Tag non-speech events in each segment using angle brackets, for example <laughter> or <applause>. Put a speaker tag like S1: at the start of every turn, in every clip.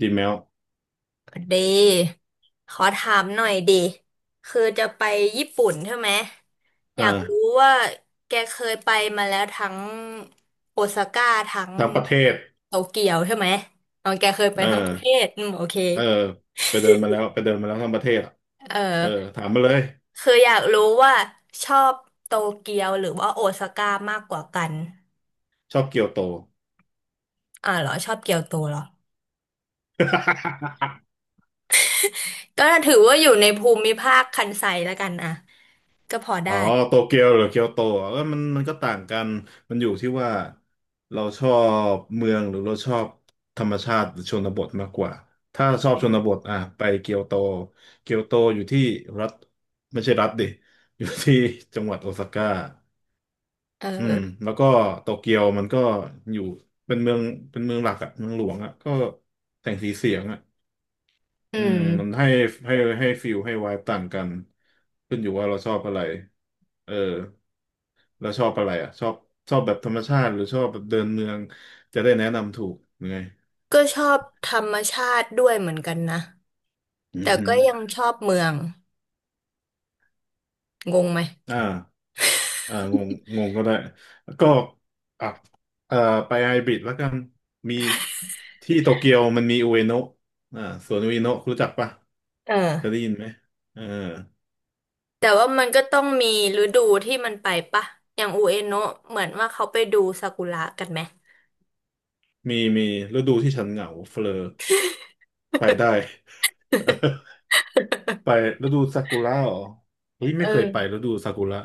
S1: ดีแมว
S2: ดีขอถามหน่อยดิ คือจะไปญี่ปุ่นใช่ไหมอยากรู้
S1: อ่า
S2: ว่าแกเคยไปมาแล้วทั้งโอซาก้าทั้ง
S1: ทั้งประเทศ
S2: โตเกียวใช่ไหมตอนแกเคยไป
S1: เออ
S2: ทั้งประเทศอืมโอเค
S1: เออไปเดินมาแล้วไปเดินมาแล้วทั้งประเทศอ่ะ
S2: เอ
S1: เออ
S2: อ
S1: ถามมาเลย
S2: คืออยากรู้ว่าชอบโตเกียวหรือว่าโอซาก้ามากกว่ากัน
S1: ชอบเกียวโต
S2: อ่าเหรอชอบเกียวโตเหรอ
S1: <laughs>
S2: ก็ถือว่าอยู่ในภูมิภาคคันไซแล้วกันอ่ะก็พอ
S1: อ๋
S2: ได้
S1: อโตเกียวหรือเกียวโตอ่ะเออมันก็ต่างกันมันอยู่ที่ว่าเราชอบเมืองหรือเราชอบธรรมชาติหรือชนบทมากกว่าถ้าชอบชนบทอ่ะไปเกียวโต เกียวโตอยู่ที่รัฐไม่ใช่รัฐดิอยู่ที่จังหวัดโอซาก้า
S2: เอ
S1: อืม
S2: อ
S1: แล้วก็โตเกียวมันก็อยู่เป็นเมืองเป็นเมืองหลักอะเมืองหลวงอะก็แสงสีเสียงอะ
S2: อื
S1: อืมมัน
S2: ม
S1: ให้ให้ให้ฟิลให้ไวายต่างกันขึ้นอยู่ว่าเราชอบอะไรเออแล้วชอบอะไรอะชอบแบบธรรมชาติหรือชอบแบบเดินเมืองจะได้แนะนำถูกยังไง
S2: ก็ชอบธรรมชาติด้วยเหมือนกันนะ
S1: อือ
S2: แต่
S1: ฮึ
S2: ก็ยังชอบเมืองงงไหม
S1: อ่าอ่างงงงก็ได้แล้วก็อ่ะเอ่อไปไฮบริดแล้วกันมีที่โตเกียวมันมีอุเอโนะอ่าสวนอุเอโนะรู้จักปะ
S2: เออ
S1: เคยได้ยินไหมเออ
S2: แต่ว่ามันก็ต้องมีฤดูที่มันไปปะอย่างอูเอโนะเหมือนว่าเขาไปดูซากุระกันไหม
S1: มีมีฤดูที่ฉันเหงาเฟลอไปได้ <laughs> ไปฤดูซากุระเหรอเฮ้ย
S2: เอ
S1: ไม่
S2: อ
S1: เคยไปฤดูซากุระ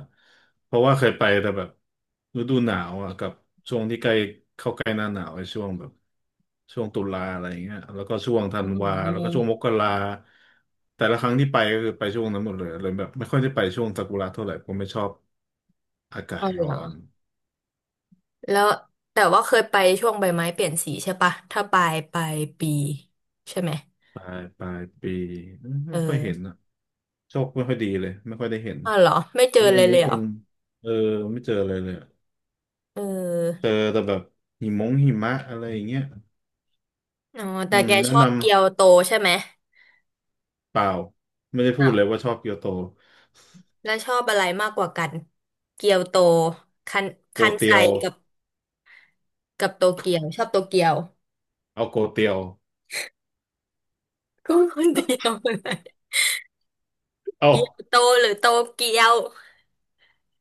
S1: เพราะว่าเคยไปแต่แบบฤดูหนาวอ่ะกับช่วงที่ใกล้เข้าใกล้หน้าหนาวไอ้ช่วงแบบช่วงตุลาอะไรอย่างเงี้ยแล้วก็ช่วงธั
S2: อื
S1: นวาแล้วก็ช่วง
S2: ม
S1: มกราแต่ละครั้งที่ไปก็คือไปช่วงนั้นหมดเลยแบบไม่ค่อยได้ไปช่วงซากุระเท่าไหร่ผมไม่ชอบอากา
S2: อ๋อ
S1: ศ
S2: เหร
S1: ร้
S2: อ
S1: อน
S2: แล้วแต่ว่าเคยไปช่วงใบไม้เปลี่ยนสีใช่ปะถ้าปลายปีใช่ไหม
S1: ปลายปี
S2: เออ
S1: ไม่ค่อยเห็น โชคไม่ค่อยดีเลยไม่ค่อยได้เห็น
S2: อ๋อเหรอไม่เจอ
S1: เฮ้ย
S2: เล
S1: อัน
S2: ย
S1: นี้
S2: เลยเห
S1: ค
S2: รอ
S1: งเออไม่เจอเลยอะ
S2: เ
S1: เจ
S2: ออ
S1: อแต่แบบหิมะอะไรอย่างเงี้ย
S2: อ๋อแต่
S1: อืม
S2: แก
S1: แนะ
S2: ชอบ
S1: นำ
S2: เกียวโตใช่ไหม
S1: เปล่าไม่ได้พูดเลยว่าชอบเกียวโต
S2: แล้วชอบอะไรมากกว่ากันเกียวโตคัน
S1: โก
S2: คันไซ
S1: เตียว
S2: กับโตเกียวชอบโตเกียว
S1: เอาโกเตียว
S2: <laughs> ก็คนเดียวเลย
S1: เอา
S2: เกียวโตหรือโตเกียว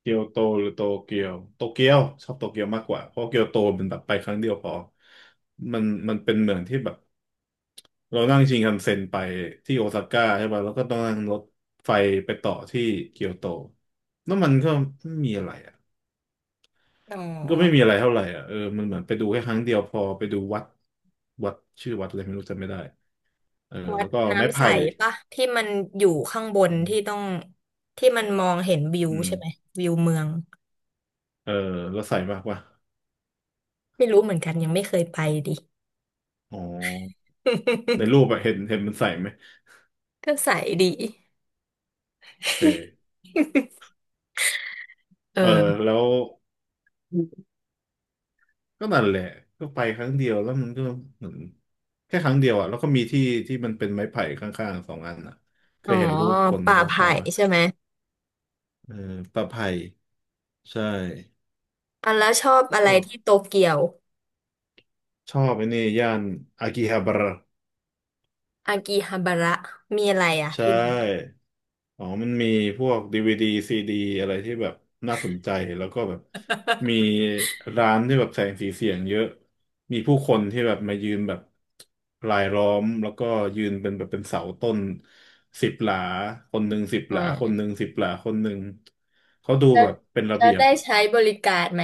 S1: เกียวโตหรือโตเกียวโตเกียวชอบโตเกียวมากกว่าเพราะเกียวโตเป็นแบบไปครั้งเดียวพอมันเป็นเมืองที่แบบเรานั่งชินคันเซ็นไปที่โอซาก้าใช่ป่ะแล้วก็ต้องนั่งรถไฟไปต่อที่เกียวโตแล้วมันก็ไม่มีอะไรอ่ะ
S2: อ๋
S1: ก็ไม่มี
S2: อ
S1: อะไรเท่าไหร่อ่ะเออมันเหมือนไปดูแค่ครั้งเดียวพอไปดูวัดวัดชื่อวัดอะไรไม่รู้จำไม่ได้เออ
S2: วั
S1: แล้
S2: ด
S1: วก็ไม้
S2: น้ำใส
S1: ไผ่
S2: ปะที่มันอยู่ข้างบน
S1: อื
S2: ที่ต้อ
S1: ม
S2: งที่มันมองเห็นวิว
S1: อืม
S2: ใช่ไหมวิวเมือง
S1: เออแล้วใส่มากว่ะ
S2: ไม่รู้เหมือนกันยังไม่เคยไปดิ
S1: อ๋อในรูปอะเห็นมันใส่ไหม
S2: <laughs> ก็ใสดี
S1: โอเค
S2: <laughs> เออ
S1: เออแล้วก็นั่นแหละก็ไปครั้งเดียวแล้วมันก็เหมือนแค่ครั้งเดียวอ่ะแล้วก็มีที่ที่มันเป็นไม้ไผ่ข้างๆสองอันอ่ะเค
S2: อ๋อ
S1: ยเห็นรูปคน
S2: ป่า
S1: เขา
S2: ไผ่
S1: ถ่ายปะ
S2: ใช่ไหม
S1: เออตะไผ่ใช่
S2: อ่ะแล้วชอบอะไร
S1: ก็
S2: ที่โตเกียว
S1: ชอบไอ้นี่ย่านอากิฮาบาระ
S2: อากิฮาบาระมีอะไรอ่ะ
S1: ใช
S2: ที่นั่น
S1: ่อ๋อมันมีพวกดีวีดีซีดีอะไรที่แบบน่าสนใจ แล้วก็แบบมีร้านที่แบบแสงสีเสียงเยอะ มีผู้คนที่แบบมายืนแบบรายล้อมแล้วก็ยืนเป็นแบบเป็นเสาต้นสิบหลาคนหนึ่งสิบ
S2: อื
S1: หลาคนห
S2: ม
S1: นึ่งสิบหลาคนหนึ่งเขาดู
S2: แล้ว
S1: แบบเป็นระเบียบ
S2: ได้
S1: อะ
S2: ใช้บริการไหม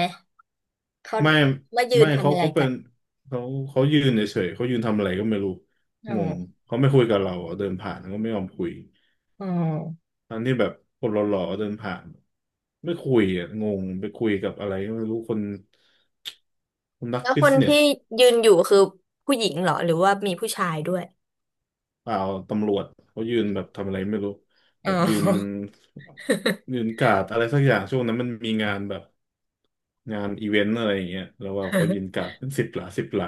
S2: เขา
S1: ไม่
S2: มายืน
S1: ไม่
S2: ทำ
S1: เขา
S2: อะไร
S1: เขาเป็
S2: กั
S1: น
S2: น
S1: เขาเขายืนเฉยๆเขายืนทำอะไรก็ไม่รู้
S2: อื
S1: งง
S2: ม
S1: เขาไม่คุยกับเราอะเดินผ่านก็ไม่ยอมคุย
S2: อืม
S1: ตอนที่แบบคนหล่อๆเดินผ่านไม่คุยอ่ะงงไปคุยกับอะไรก็ไม่รู้คนคนนัก
S2: แล้ว
S1: บิ
S2: ค
S1: ส
S2: น
S1: เน
S2: ที่
S1: ส
S2: ยืนอยู่คือผู้หญิงเหรอหรือว่ามีผู้ชายด้วย
S1: เปล่าตำรวจเขายืนแบบทำอะไรไม่รู้แบ
S2: อ๋
S1: บยืน
S2: อ
S1: การ์ดอะไรสักอย่างช่วงนั้นมันมีงานแบบงานอีเวนต์อะไรอย่างเงี้ยแล้วว่าเขายืนการ์
S2: <laughs>
S1: ดเป็นสิบหลา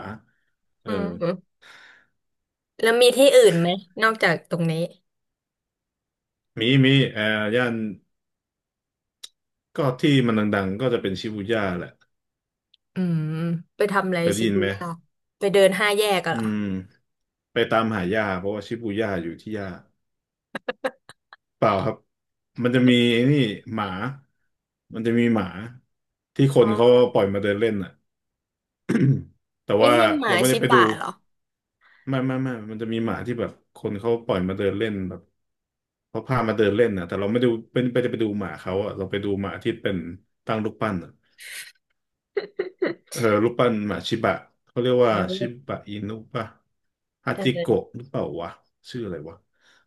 S1: เอ
S2: อื
S1: อ
S2: มแล้วมีที่อื่นไหมนอกจากตรงนี้
S1: มีมีย่านก็ที่มันดังๆก็จะเป็นชิบูย่าแหละ
S2: อืมไปทำอะไร
S1: เคยได้
S2: ชิ
S1: ยิน
S2: บู
S1: ไหม
S2: ย่าไปเดินห้าแยกกัน
S1: อื
S2: เหรอ
S1: มไปตามหาย่าเพราะว่าชิบูย่าอยู่ที่ย่า เปล่าครับมันจะมีไอ้นี่หมามันจะมีหมาที่ค
S2: อ๋
S1: น
S2: อ
S1: เขาปล่อยมาเดินเล่นอ่ะ <clears throat> แต่
S2: ไม่
S1: ว่า
S2: ใช่หมา
S1: เราไม่
S2: ชิ
S1: ได้ไปดู
S2: บะเหรอ
S1: ไม่มันจะมีหมาที่แบบคนเขาปล่อยมาเดินเล่นแบบเขาพามาเดินเล่นนะแต่เราไม่ดูเป็นไปดูหมาเขาอ่ะเราไปดูหมาที่เป็นตั้งรูปปั้นอะเออรูปปั้นหมาชิบะเขาเรียก
S2: เ
S1: ว่าชิ
S2: ออ
S1: บะอินุป่ะฮาจิ
S2: เออ
S1: โกะหรือเปล่าวะชื่ออะไรวะ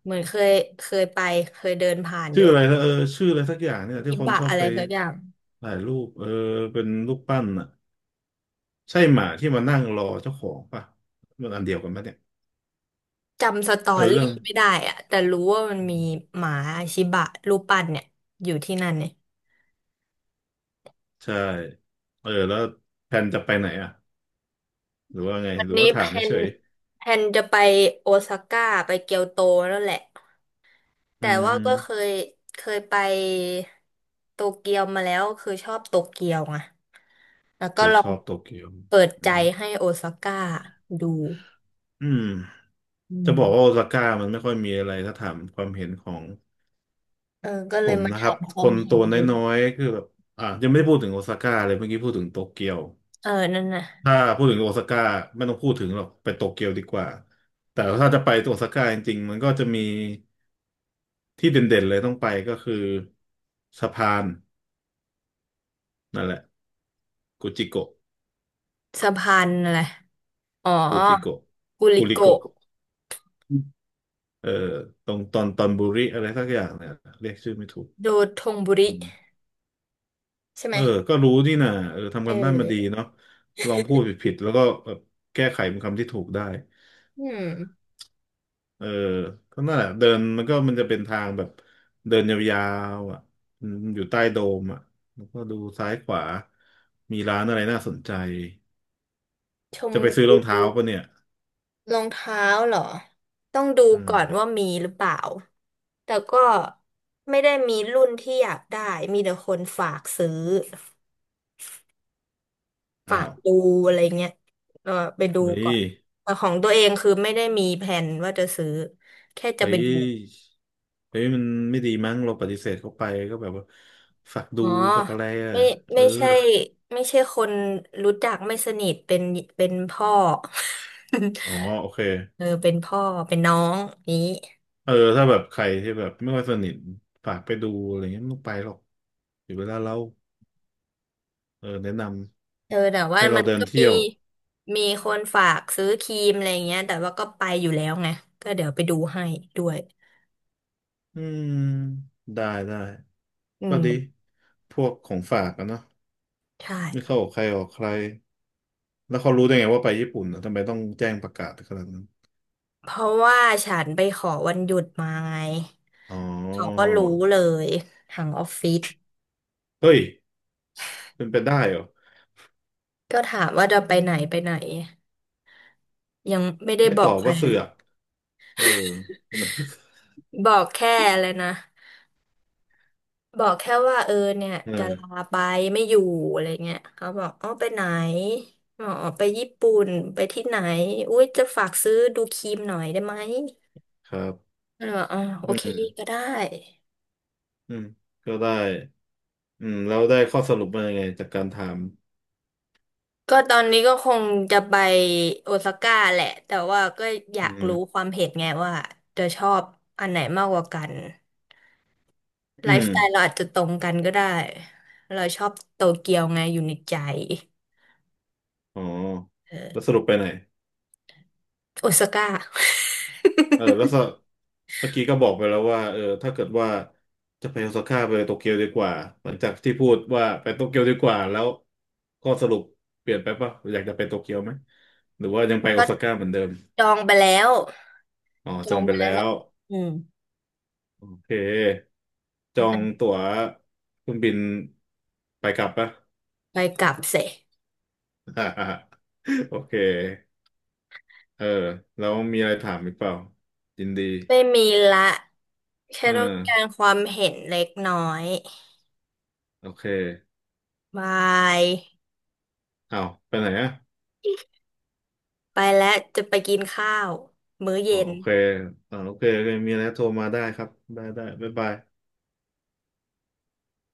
S2: เหมือนเคยเคยไปเคยเดินผ่านอ
S1: ชื่อ
S2: ยู่
S1: อะไรนะเออชื่ออะไรสักอย่างเนี่ยที่
S2: อิ
S1: คน
S2: บะ
S1: ชอบ
S2: อะไร
S1: ไป
S2: สักอย่าง
S1: ถ่ายรูปเออเป็นรูปปั้นอ่ะใช่หมาที่มานั่งรอเจ้าของป่ะมันอันเดียวกันป่ะเนี่ย
S2: จำสตอ
S1: เออ
S2: รี่
S1: เรื่อง
S2: ไม่ได้อะแต่รู้ว่ามันมีหมาชิบะรูปปั้นเนี่ยอยู่ที่นั่นเนี่ย
S1: ใช่เออแล้วแผนจะไปไหนอ่ะหรือว่าไง
S2: วั
S1: ห
S2: น
S1: รือ
S2: นี้
S1: ว่าถา
S2: แพ
S1: มเฉ
S2: น
S1: ย
S2: จะไปโอซาก้าไปเกียวโตแล้วแหละ
S1: ๆอื
S2: แต่
S1: ม
S2: ว่า
S1: ฮึ
S2: ก็เคยไปโตเกียวมาแล้วคือชอบโตเกียวไงแล้ว
S1: เค
S2: ก็
S1: ย
S2: ลอ
S1: ช
S2: ง
S1: อบโตเกียว
S2: เปิดใจ
S1: อืม
S2: ให้โอซาก้าดู
S1: อืม
S2: อื
S1: จะ
S2: ม
S1: บอกว่าโอซาก้ามันไม่ค่อยมีอะไรถ้าถามความเห็นของ
S2: เออก็
S1: ผ
S2: เลย
S1: ม
S2: มา
S1: นะค
S2: ถา
S1: รับ
S2: มค
S1: ค
S2: วาม
S1: น
S2: เห็
S1: ตั
S2: น
S1: วน
S2: ดู
S1: ้อยๆคือแบบอ่ะยังไม่ได้พูดถึงโอซาก้าเลยเมื่อกี้พูดถึงโตเกียว
S2: เออนั่นน่ะ
S1: ถ้าพูดถึงโอซาก้าไม่ต้องพูดถึงหรอกไปโตเกียวดีกว่าแต่ถ้าจะไปโอซาก้าจริงๆมันก็จะมีที่เด่นๆเลยต้องไปก็คือสะพานนั่นแหละกูจิโกะ
S2: สะพานอะไรอ๋อ
S1: กูจิโกะ
S2: กุริ
S1: กูริ
S2: โกะ
S1: โกะอืมเออตรงตอนบุริอะไรสักอย่างเนี่ยเรียกชื่อไม่ถูก
S2: ดูทงบุริ
S1: อืม
S2: ใช่ไห
S1: เอ
S2: ม
S1: อก็รู้นี่นะเออ
S2: เ
S1: ทำกันบ้านมาดี
S2: ออ
S1: เนาะลองพูดผิดๆแล้วก็แบบแก้ไขเป็นคำที่ถูกได้
S2: อืม
S1: เออก็นั่นแหละเดินมันจะเป็นทางแบบเดินยาวๆอ่ะอืมอยู่ใต้โดมอ่ะแล้วก็ดูซ้ายขวามีร้านอะไรน่าสนใจ
S2: ชม
S1: จะไป
S2: ด
S1: ซื้อรอง
S2: ู
S1: เท้าปะเนี่ย
S2: รองเท้าเหรอต้องดู
S1: อืม
S2: ก่อนว่ามีหรือเปล่าแต่ก็ไม่ได้มีรุ่นที่อยากได้มีแต่คนฝากซื้อฝา
S1: อ้า
S2: ก
S1: ว
S2: ดูอะไรเงี้ยเออไปดู
S1: เฮ้
S2: ก่อ
S1: ย
S2: นแต่ของตัวเองคือไม่ได้มีแผนว่าจะซื้อแค่จะ
S1: เฮ้
S2: ไป
S1: ย
S2: ดู
S1: เฮ้ยมันไม่ดีมั้งเราปฏิเสธเขาไปก็แบบว่าฝากดู
S2: อ๋อ
S1: ฝากอะไรอ่ะ
S2: ไม่
S1: เอ
S2: ไม่
S1: อ
S2: ใช่ไม่ใช่คนรู้จักไม่สนิทเป็นพ่อ
S1: อ๋อ
S2: <laughs>
S1: โอเค
S2: เออเป็นพ่อเป็นน้องนี้
S1: เออถ้าแบบใครที่แบบไม่ค่อยสนิทฝากไปดูอะไรเงี้ยไม่ต้องไปหรอกเดี๋ยวเวลาเราเออแนะนำ
S2: เออแต่ว่า
S1: ให้เรา
S2: มัน
S1: เดิน
S2: ก็
S1: เที่
S2: มี
S1: ยว
S2: มีคนฝากซื้อครีมอะไรเงี้ยแต่ว่าก็ไปอยู่แล้วไงก็เดี๋ยวไปดูให้ด้วย
S1: อืมได้ได้
S2: อื
S1: ก็ดี
S2: ม
S1: พวกของฝากอะเนาะ
S2: ใ
S1: ไม่
S2: ช่
S1: เข้าออกใครออกใครแล้วเขารู้ได้ไงว่าไปญี่ปุ่นอะทำไมต้องแจ้งประกาศขนาดนั้น
S2: เพราะว่าฉันไปขอวันหยุดมาไง
S1: อ๋
S2: เขาก็
S1: อ
S2: รู้เลยทางออฟฟิศ
S1: เฮ้ยเป็นไปได้เหรอ
S2: ก็ถามว่าจะไปไหนไปไหนยังไม่ได้
S1: ไม่
S2: บ
S1: ต
S2: อ
S1: อ
S2: ก
S1: บ
S2: ใคร
S1: ว่าเสือกเออ <laughs> มัน
S2: บอกแค่เลยนะบอกแค่ว่าเออเนี่ย
S1: <laughs> เอ
S2: จะ
S1: อ
S2: ลาไปไม่อยู่อะไรเงี้ยเขาบอกอ๋อไปไหนอ๋อไปญี่ปุ่นไปที่ไหนอุ้ยจะฝากซื้อดูครีมหน่อยได้ไหม
S1: ครับ
S2: ก็เลยบอกอ๋อโอ
S1: อื
S2: เคก็
S1: ม
S2: ได้
S1: อืมก็ได้อืมแล้วได้ข้อสรุปมายังไงจากการถาม
S2: ก็ตอนนี้ก็คงจะไปโอซาก้าแหละแต่ว่าก็อยา
S1: อื
S2: กรู้
S1: ม
S2: ความเห็นไงว่าจะชอบอันไหนมากกว่ากันไล
S1: อื
S2: ฟ์
S1: ม
S2: สไตล์เราอาจจะตรงกันก็ได้เราชอบโตเกียวไงอยู่ในใจ
S1: อ๋อ
S2: เอ
S1: แล้วส
S2: อ
S1: รุปไปไหน
S2: โอซาก้า <laughs>
S1: เออแล้วก็เมื่อกี้ก็บอกไปแล้วว่าเออถ้าเกิดว่าจะไปโอซาก้าไปโตเกียวดีกว่าหลังจากที่พูดว่าไปโตเกียวดีกว่าแล้วข้อสรุปเปลี่ยนไปปะอยากจะไปโตเกียวไหมหรือว่ายังไปโอ
S2: ก็
S1: ซาก้าเหมือนเดิม
S2: จองไปแล้ว
S1: อ๋อ
S2: จ
S1: จ
S2: อ
S1: อง
S2: ง
S1: ไป
S2: ไปแล้
S1: แล้
S2: วแหละ
S1: ว
S2: อืม
S1: โอเคจองตั๋วเครื่องบินไปกลับปะ
S2: ไปกลับเสร็จ
S1: <laughs> โอเคเออแล้วมีอะไรถามอีกเปล่ายินดี
S2: ไม่มีละแค่
S1: เออ
S2: ต้องการความเห็นเล็กน้อย
S1: โอเค
S2: บาย
S1: อ้าวไปไหนอะ
S2: ไปแล้วจะไปกินข้าวมื้อ
S1: อ๋
S2: เย็
S1: อ
S2: น
S1: โอเคอ๋อโอเคโอเคมีอะไรโทรมาได้ครับได้ได้บ๊ายบาย